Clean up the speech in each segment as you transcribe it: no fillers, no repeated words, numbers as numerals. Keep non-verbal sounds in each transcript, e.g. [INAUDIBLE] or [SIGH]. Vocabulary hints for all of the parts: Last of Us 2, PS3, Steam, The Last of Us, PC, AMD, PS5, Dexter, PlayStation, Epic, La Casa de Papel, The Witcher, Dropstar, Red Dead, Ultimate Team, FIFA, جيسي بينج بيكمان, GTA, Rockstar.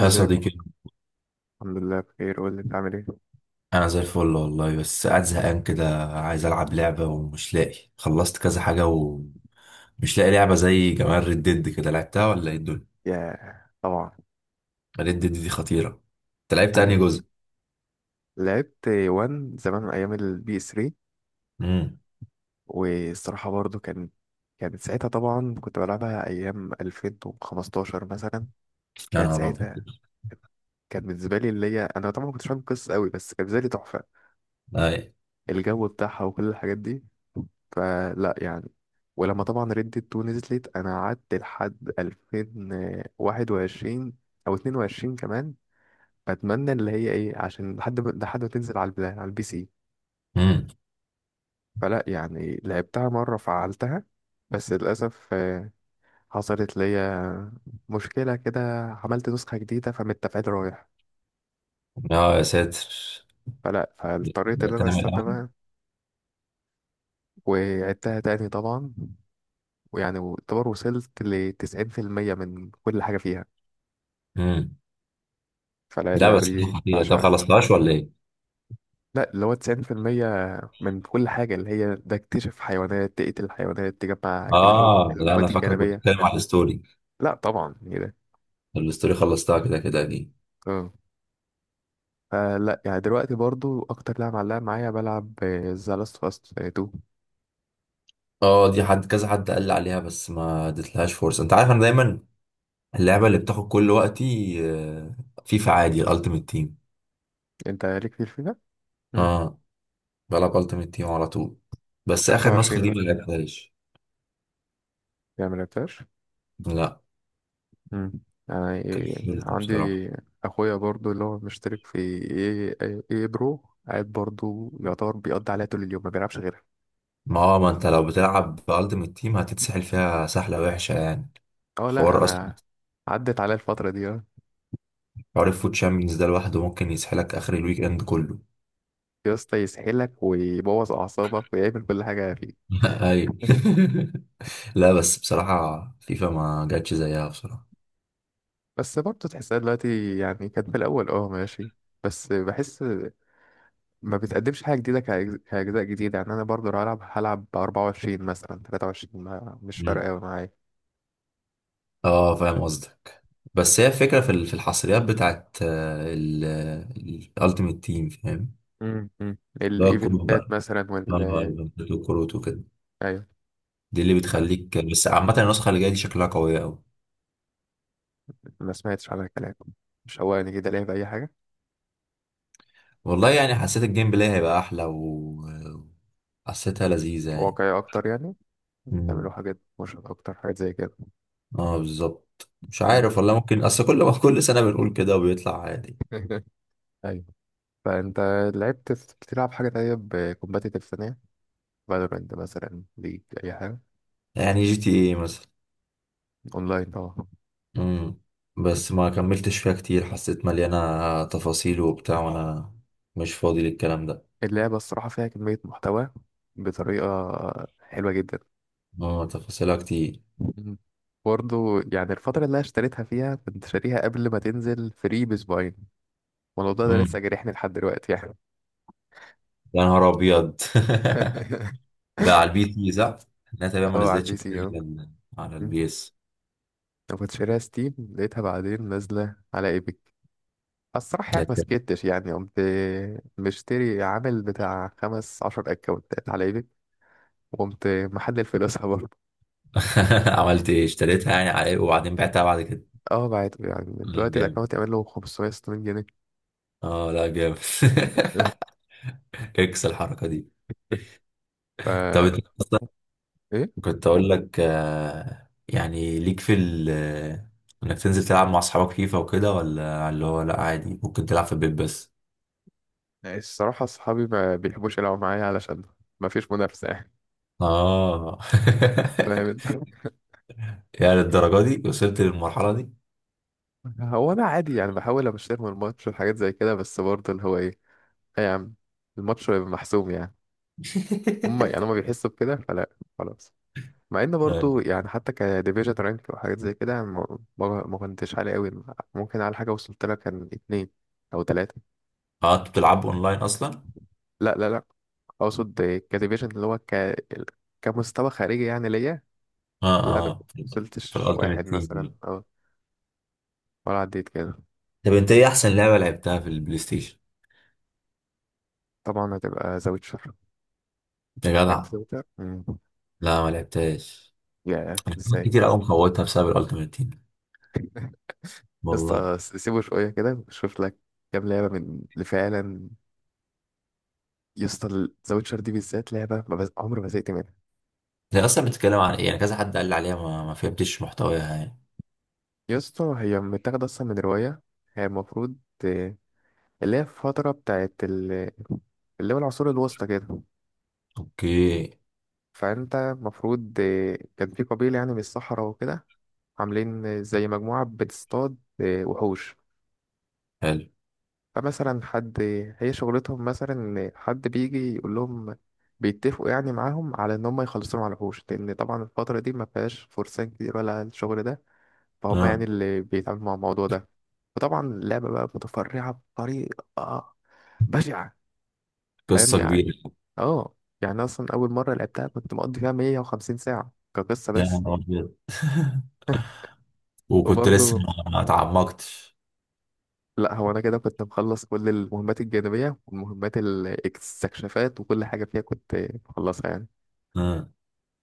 يا ازيك يا أخويا؟ صديقي، الحمد لله بخير، قول لي انت عامل ايه. انا زي الفل والله. بس قاعد زهقان كده، عايز العب لعبه ومش لاقي. خلصت كذا حاجه ومش لاقي لعبه زي جمال ريد ديد كده. لعبتها ولا ايه الدنيا؟ يا طبعا. ريد ديد دي خطيره. انت لعبت انهي يعني جزء؟ لعبت وان زمان ايام البي اس 3. امم والصراحه برضو كانت ساعتها، طبعا كنت بلعبها ايام 2015 مثلا. يا كانت نهار ساعتها ابيض. كانت بالنسبه لي اللي هي، انا طبعا ما كنتش فاهم القصه قوي، بس كانت بالنسبه لي تحفه، اي. الجو بتاعها وكل الحاجات دي. فلا يعني، ولما طبعا ريد 2 نزلت انا قعدت لحد 2021 او 22 كمان، بتمنى اللي هي ايه، عشان لحد ما تنزل على على البي سي. امم فلا يعني لعبتها مرة، فعلتها. بس للأسف حصلت ليا مشكلة كده، عملت نسخة جديدة فمتفعيل رايح. اه يا ساتر. فلا فاضطريت إن تعمل أنا أستنى اول. بقى، وعدتها تاني طبعا، ويعني اعتبر وصلت لـ90% من كل حاجة فيها. امم فلا لا اللعبة بس دي دي خطيره. طب بعشقها. خلصتهاش ولا ايه؟ لا، اللي هو 90% من كل حاجة، اللي هي ده اكتشف حيوانات، تقتل حيوانات، تجمع جلدهم، اه لا، انا المهمات فاكرك كنت الجانبية. بتتكلم على الستوري. لا طبعا ايه ده. الستوري خلصتها كده كده اكيد. اه. فلا يعني دلوقتي برضو اكتر لعبه معلقه معايا بلعب ذا لاست اوف اس 2. اه دي حد، كذا حد قال لي عليها بس ما اديتلهاش فرصه. انت عارف انا دايما اللعبة اللي بتاخد كل وقتي فيفا، عادي، الالتيميت تيم. انت ليك كتير فيها. مم. اه، بلعب التيميت تيم على طول. بس اخر 25 نسخة دي ما مثلا لعبتهاش. يعني ما لعبتهاش. لا، مم. يعني كملت عندي بصراحة. اخويا برضو اللي هو مشترك في ايه ايه إيه برو، قاعد برضو يعتبر بيقضي عليها طول اليوم، ما بيلعبش غيرها. ما هو ما انت لو بتلعب بالتيميت تيم هتتسحل فيها سحلة وحشة يعني. اه لا حوار اصلا. انا عدت عليا الفتره دي آه. حوار الفوت شامبيونز ده لوحده ممكن يسحلك اخر الويك اند كله. يا اسطى يسحلك ويبوظ اعصابك ويعمل كل حاجه فيه. [LAUGHS] ايوه. [LAUGHS] لا بس بصراحة فيفا ما جاتش زيها بصراحة. بس برضه تحسها دلوقتي يعني، كانت في الأول اه ماشي، بس بحس ما بتقدمش حاجة جديدة، كأجزاء جديدة. يعني أنا برضه لو هلعب هلعب بـ24 مثلا، 23، مش فارقة مم. أوي معايا. اه فاهم قصدك. بس هي الفكرة في في الحصريات بتاعت ال الالتيميت تيم، فاهم. مم. مم. اللي هو الكروت الإيفنتات بقى. مثلا اه، وال، الكروت وكده. أيوة. دي اللي ف- بتخليك. بس عامة النسخة اللي جاية دي شكلها قوية أوي. ما سمعتش على الكلام، مش هواني كده ليه بأي حاجة. والله يعني حسيت الجيم بلاي هيبقى أحلى، و حسيتها لذيذة يعني. واقعية أكتر يعني، تعملوا مم. حاجات مش أكتر، حاجات زي كده. اه بالظبط. مش مم. عارف والله، ممكن أصل كل ما كل سنة بنقول كده وبيطلع عادي. [LAUGHS] ايوه. فأنت لعبت، بتلعب حاجة تانية بكومباتيتيف ثانية، فالورنت مثلا، ليج، أي حاجة. يعني جي تي ايه مثلا. أونلاين طبعا. مم. بس ما كملتش فيها كتير، حسيت مليانة تفاصيل وبتاع وانا مش فاضي للكلام ده. اللعبة الصراحة فيها كمية محتوى بطريقة حلوة جدا. اه تفاصيلها كتير. مم. برضه يعني الفترة اللي أنا اشتريتها فيها، كنت شاريها قبل ما تنزل فري بأسبوعين، والموضوع ده مم. لسه جارحني لحد دلوقتي يعني. يا نهار ابيض. [LAUGHS] [LAUGHS] ده على البي سي صح؟ لا تقريبا ما اه على نزلتش البي كتير سي اه. على على مم. البي اس. أنا كنت شاريها ستيم، لقيتها بعدين نازلة على ايبك. الصراحة يا يعني ما سلام. سكتش يعني، قمت مشتري عامل بتاع 15 أكونتات على ايبك، وقمت محلل فلوسها برضه. [LAUGHS] عملت ايه، اشتريتها يعني على ايه وبعدين بعتها بعد كده؟ اه بعت يعني، لا، دلوقتي جامد. الأكونت يعمل له 560 جنيه. اه لا جامد. [LAUGHS] [LAUGHS] اكس الحركة دي. طب انت، ف، ايه، كنت اقول لك يعني ليك في ال، انك تنزل تلعب مع اصحابك فيفا وكده، ولا اللي هو لا عادي ممكن تلعب في البيت بس؟ يعني الصراحه اصحابي ما بيحبوش يلعبوا معايا علشان ما فيش منافسه يعني. اه. فاهم انت. [LAUGHS] يعني للدرجه دي، وصلت للمرحله دي. [LAUGHS] هو انا عادي يعني، بحاول ابشر من الماتش وحاجات زي كده، بس برضه اللي هو ايه، ايه يا عم، الماتش هيبقى محسوم يعني. هم يعني [LAUGHS] هم بيحسوا بكده، فلا خلاص. مع ان برضه يعني، حتى كديفيجن رانك وحاجات زي كده، يعني ما كنتش عالي قوي. ممكن على حاجه وصلت لها كان اتنين او تلاته. اه انت بتلعب اونلاين اصلا؟ لا لا لا، اقصد كديفيجن اللي هو كمستوى خارجي يعني ليا. اه. لا انا كنت اه في وصلتش واحد الالتيميت مثلا تيم. ولا عديت كده. طب انت ايه احسن لعبه لعبتها في البلاي ستيشن؟ طبعا هتبقى ذا ويتشر. يا لعبت جدع. ذا ويتشر. لا ما لعبتهاش. يا انا كنت ازاي. كتير قوي مفوتها بسبب الالتيميت تيم يا والله. اسطى، سيبه شويه كده، شوف لك كام لعبه من اللي فعلا. يا اسطى، ذا ويتشر دي بالذات لعبه، ما بز... عمري ما زهقت منها. هي اصلا بتتكلم عن ايه يعني؟ كذا حد قال لي عليها ما فهمتش محتواها يعني. يا اسطى هي متاخده اصلا من روايه، هي المفروض آه، اللي هي في فتره بتاعت اللي هو العصور الوسطى كده. اوكي. فانت المفروض كان في قبيله يعني من الصحراء وكده، عاملين زي مجموعه بتصطاد وحوش. حلو. فمثلا حد، هي شغلتهم مثلا إن حد بيجي يقول لهم، بيتفقوا يعني معاهم على ان هم يخلصوا على الوحوش، لان طبعا الفتره دي ما فيهاش فرسان كتير ولا الشغل ده، فهم يعني اه اللي بيتعاملوا مع الموضوع ده. وطبعا اللعبه بقى متفرعه بطريقه بشعه. فاهم قصة يعني. كبيرة. اه يعني اصلا اول مره لعبتها كنت مقضي فيها 150 ساعه كقصه يا بس. نهار أبيض. [LAUGHS] [LAUGHS] وكنت لسه وبرضه ما اتعمقتش. لا، هو انا كده كنت مخلص كل المهمات الجانبية والمهمات الاستكشافات وكل حاجة فيها كنت مخلصها يعني. اه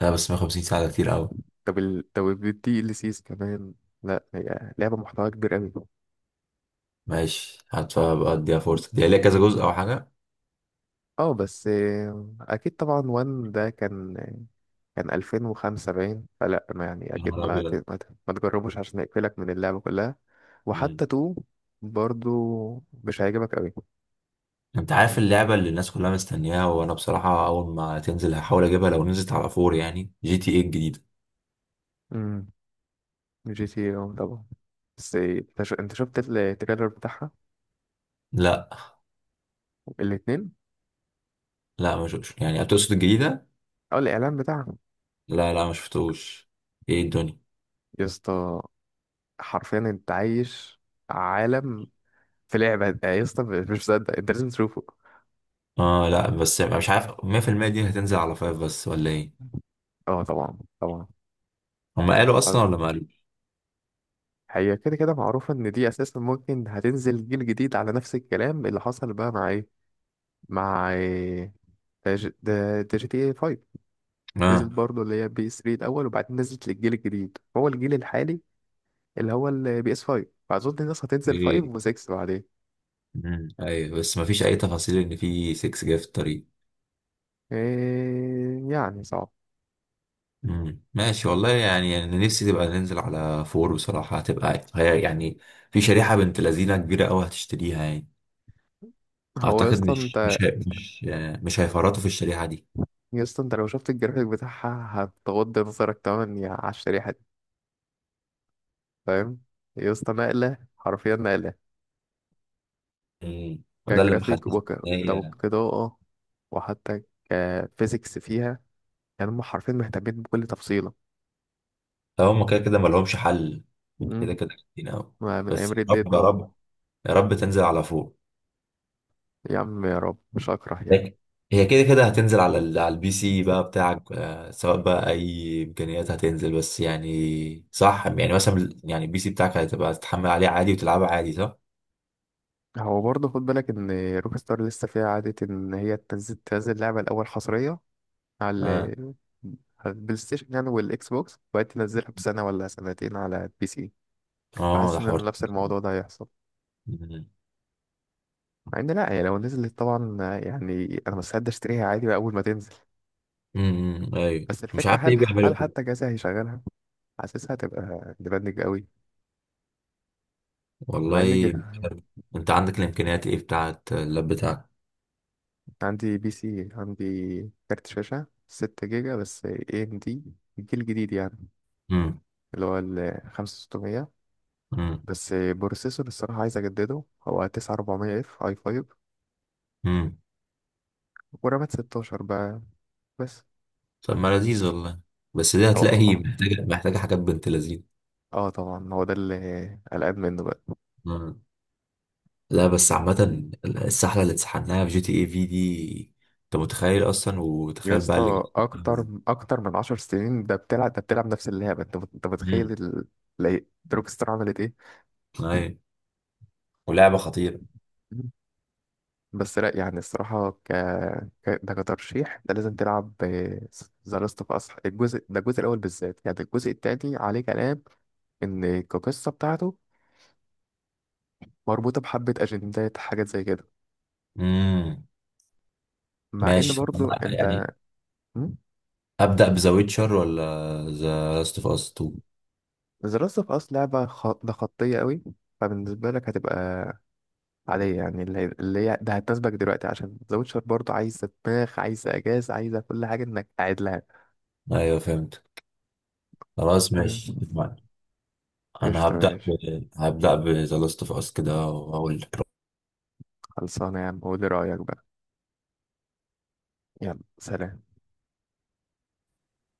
لا بس 150 ساعة ده كتير أوي. طب طب الدي ال سيز كمان، لا هي لعبة محتوى كبير قوي. ماشي، هبقى أديها فرصة. دي ليها كذا جزء أو حاجة؟ اه بس اكيد طبعا، وان ده كان 2005 باين، فلا ما يعني يا اكيد نهار ما أبيض. ت- ما, ت- ما تجربوش عشان يقفلك من اللعبة كلها. مم. وحتى تو برضو مش هيعجبك قوي. أنت عارف اللعبة اللي الناس كلها مستنياها؟ وأنا بصراحة أول ما تنزل هحاول أجيبها لو نزلت على فور، يعني جي تي إيه الجديدة. امم. جي تي اه طبعا. بس انت انت شفت التريلر بتاعها، لا الاتنين. لا ما شفتش. يعني هتقصد الجديدة؟ اه الاعلان بتاعها. لا لا ما شفتوش. إيه الدنيا. يا اسطى حرفيا انت عايش عالم في لعبة، يا اسطى مش مصدق، انت لازم تشوفه. اه لا بس مش عارف، 100% دي هتنزل على فايف بس ولا إيه؟ اه طبعا طبعا. هم قالوا اصلا آه، ولا ما قالوا؟ هي كده كده معروفة ان دي اساسا ممكن هتنزل جيل جديد، على نفس الكلام اللي حصل بقى مع ايه جي تي اي 5، نزلت اه. برضه اللي هي بي اس 3 الاول، وبعدين نزلت للجيل الجديد هو الجيل الحالي اللي هو البي اس 5، فاظن الناس هتنزل 5 ايه. و6 بعدين. مم. ايوه بس ما فيش اي تفاصيل ان في 6 جاي في الطريق. إيه يعني صعب. مم. ماشي والله. يعني انا نفسي تبقى ننزل على فور بصراحه، هتبقى هي يعني. في شريحه بنت لذينه كبيره قوي هتشتريها يعني. هو يا اعتقد اسطى مش انت، مش هي- مش مش هيفرطوا في الشريحه دي. يا اسطى انت لو شفت الجرافيك بتاعها هتغض نظرك تماما يا على الشريحة. فاهم، يا اسطى نقلة حرفيا نقلة، مم. وده اللي كجرافيك محسسني ان وكدمج هي. كإضاءة وحتى كفيزيكس فيها، يعني هم حرفيا مهتمين بكل تفصيلة. طب هم كده كده ما لهمش حل. يعني مم. كده كده كتير قوي. ما من أيام بس يا ريد ديد رب يا طبعا. رب، يا رب تنزل على فور. يا عم يا رب مش أكره يعني. لك- هي كده كده هتنزل على ال... على البي سي بقى بتاعك، سواء بقى اي امكانيات هتنزل. بس يعني صح، يعني مثلا ال- يعني البي سي بتاعك هتبقى تتحمل عليه عادي وتلعبه عادي صح؟ هو برضه خد بالك إن روك ستار لسه فيها عادة إن هي تنزل لعبة الأول حصرية على اه. على البلاي ستيشن يعني والإكس بوكس، وبعدين تنزلها بسنة ولا سنتين على البي سي. اه ده حاسس إن حوار. نفس الموضوع ده هيحصل. أمم، مع ان لا هي لو نزلت طبعا، يعني انا مستعد اشتريها عادي بقى اول ما تنزل. ايوه بس مش الفكره، عارف هل ليه بيعملوا هل كده. حتى جهازي هيشغلها، حاسسها هتبقى ديبندنج قوي. مع ان والله. انت عندك الامكانيات ايه بتاعت اللاب بتاعك؟ عندي بي سي، عندي كارت شاشه 6 جيجا بس اي ام دي، الجيل الجديد يعني امم اللي هو ال 5600. امم بس بروسيسور الصراحه عايز اجدده، هو 9400 اف اي 5، امم ورامات 16 بقى بس. طب ما لذيذ والله. بس دي هتلاقي [LAUGHS] هو محتاجه، محتاجه حاجات بنت لذيذ. اه طبعا هو ده اللي قلقان منه بقى. لا بس عامة السحلة اللي اتسحلناها في جي تي اي في دي، انت متخيل اصلا؟ يا وتخيل بقى اللي اسطى اكتر اكتر من 10 سنين ده، بتلعب نفس اللعبه، انت انت متخيل امم إيه؟ دروب ستار عملت ايه. ايوه. ولعبة خطيرة. مم. بس لا يعني الصراحه ده كترشيح، ده لازم تلعب ذا لاست اوف اس، الجزء ده الجزء الاول بالذات، يعني الجزء التاني عليه كلام ان القصه بتاعته مربوطه بحبه اجندات حاجات زي كده. امم مع ان ماشي. طب برضو أنا انت، يعني ابدأ بذا ويتشر، ولا ذا لاست اوف اس 2؟ ذا لاست اوف اس لعبه ده خطيه قوي، فبالنسبه لك هتبقى عليا يعني اللي هي ده هتناسبك دلوقتي، عشان ذا ويتشر برضه عايزة دماغ، عايزة إجازة، عايزة كل حاجة إنك قاعد لها. ايوه فهمت. خلاص تمام. ماشي اتفقنا. انا قشطة هبدأ ب... ماشي. هبدأ بذا لاست اوف اس كده واقول لك. خلصانة يا عم، قولي رأيك بقى. يلا سلام.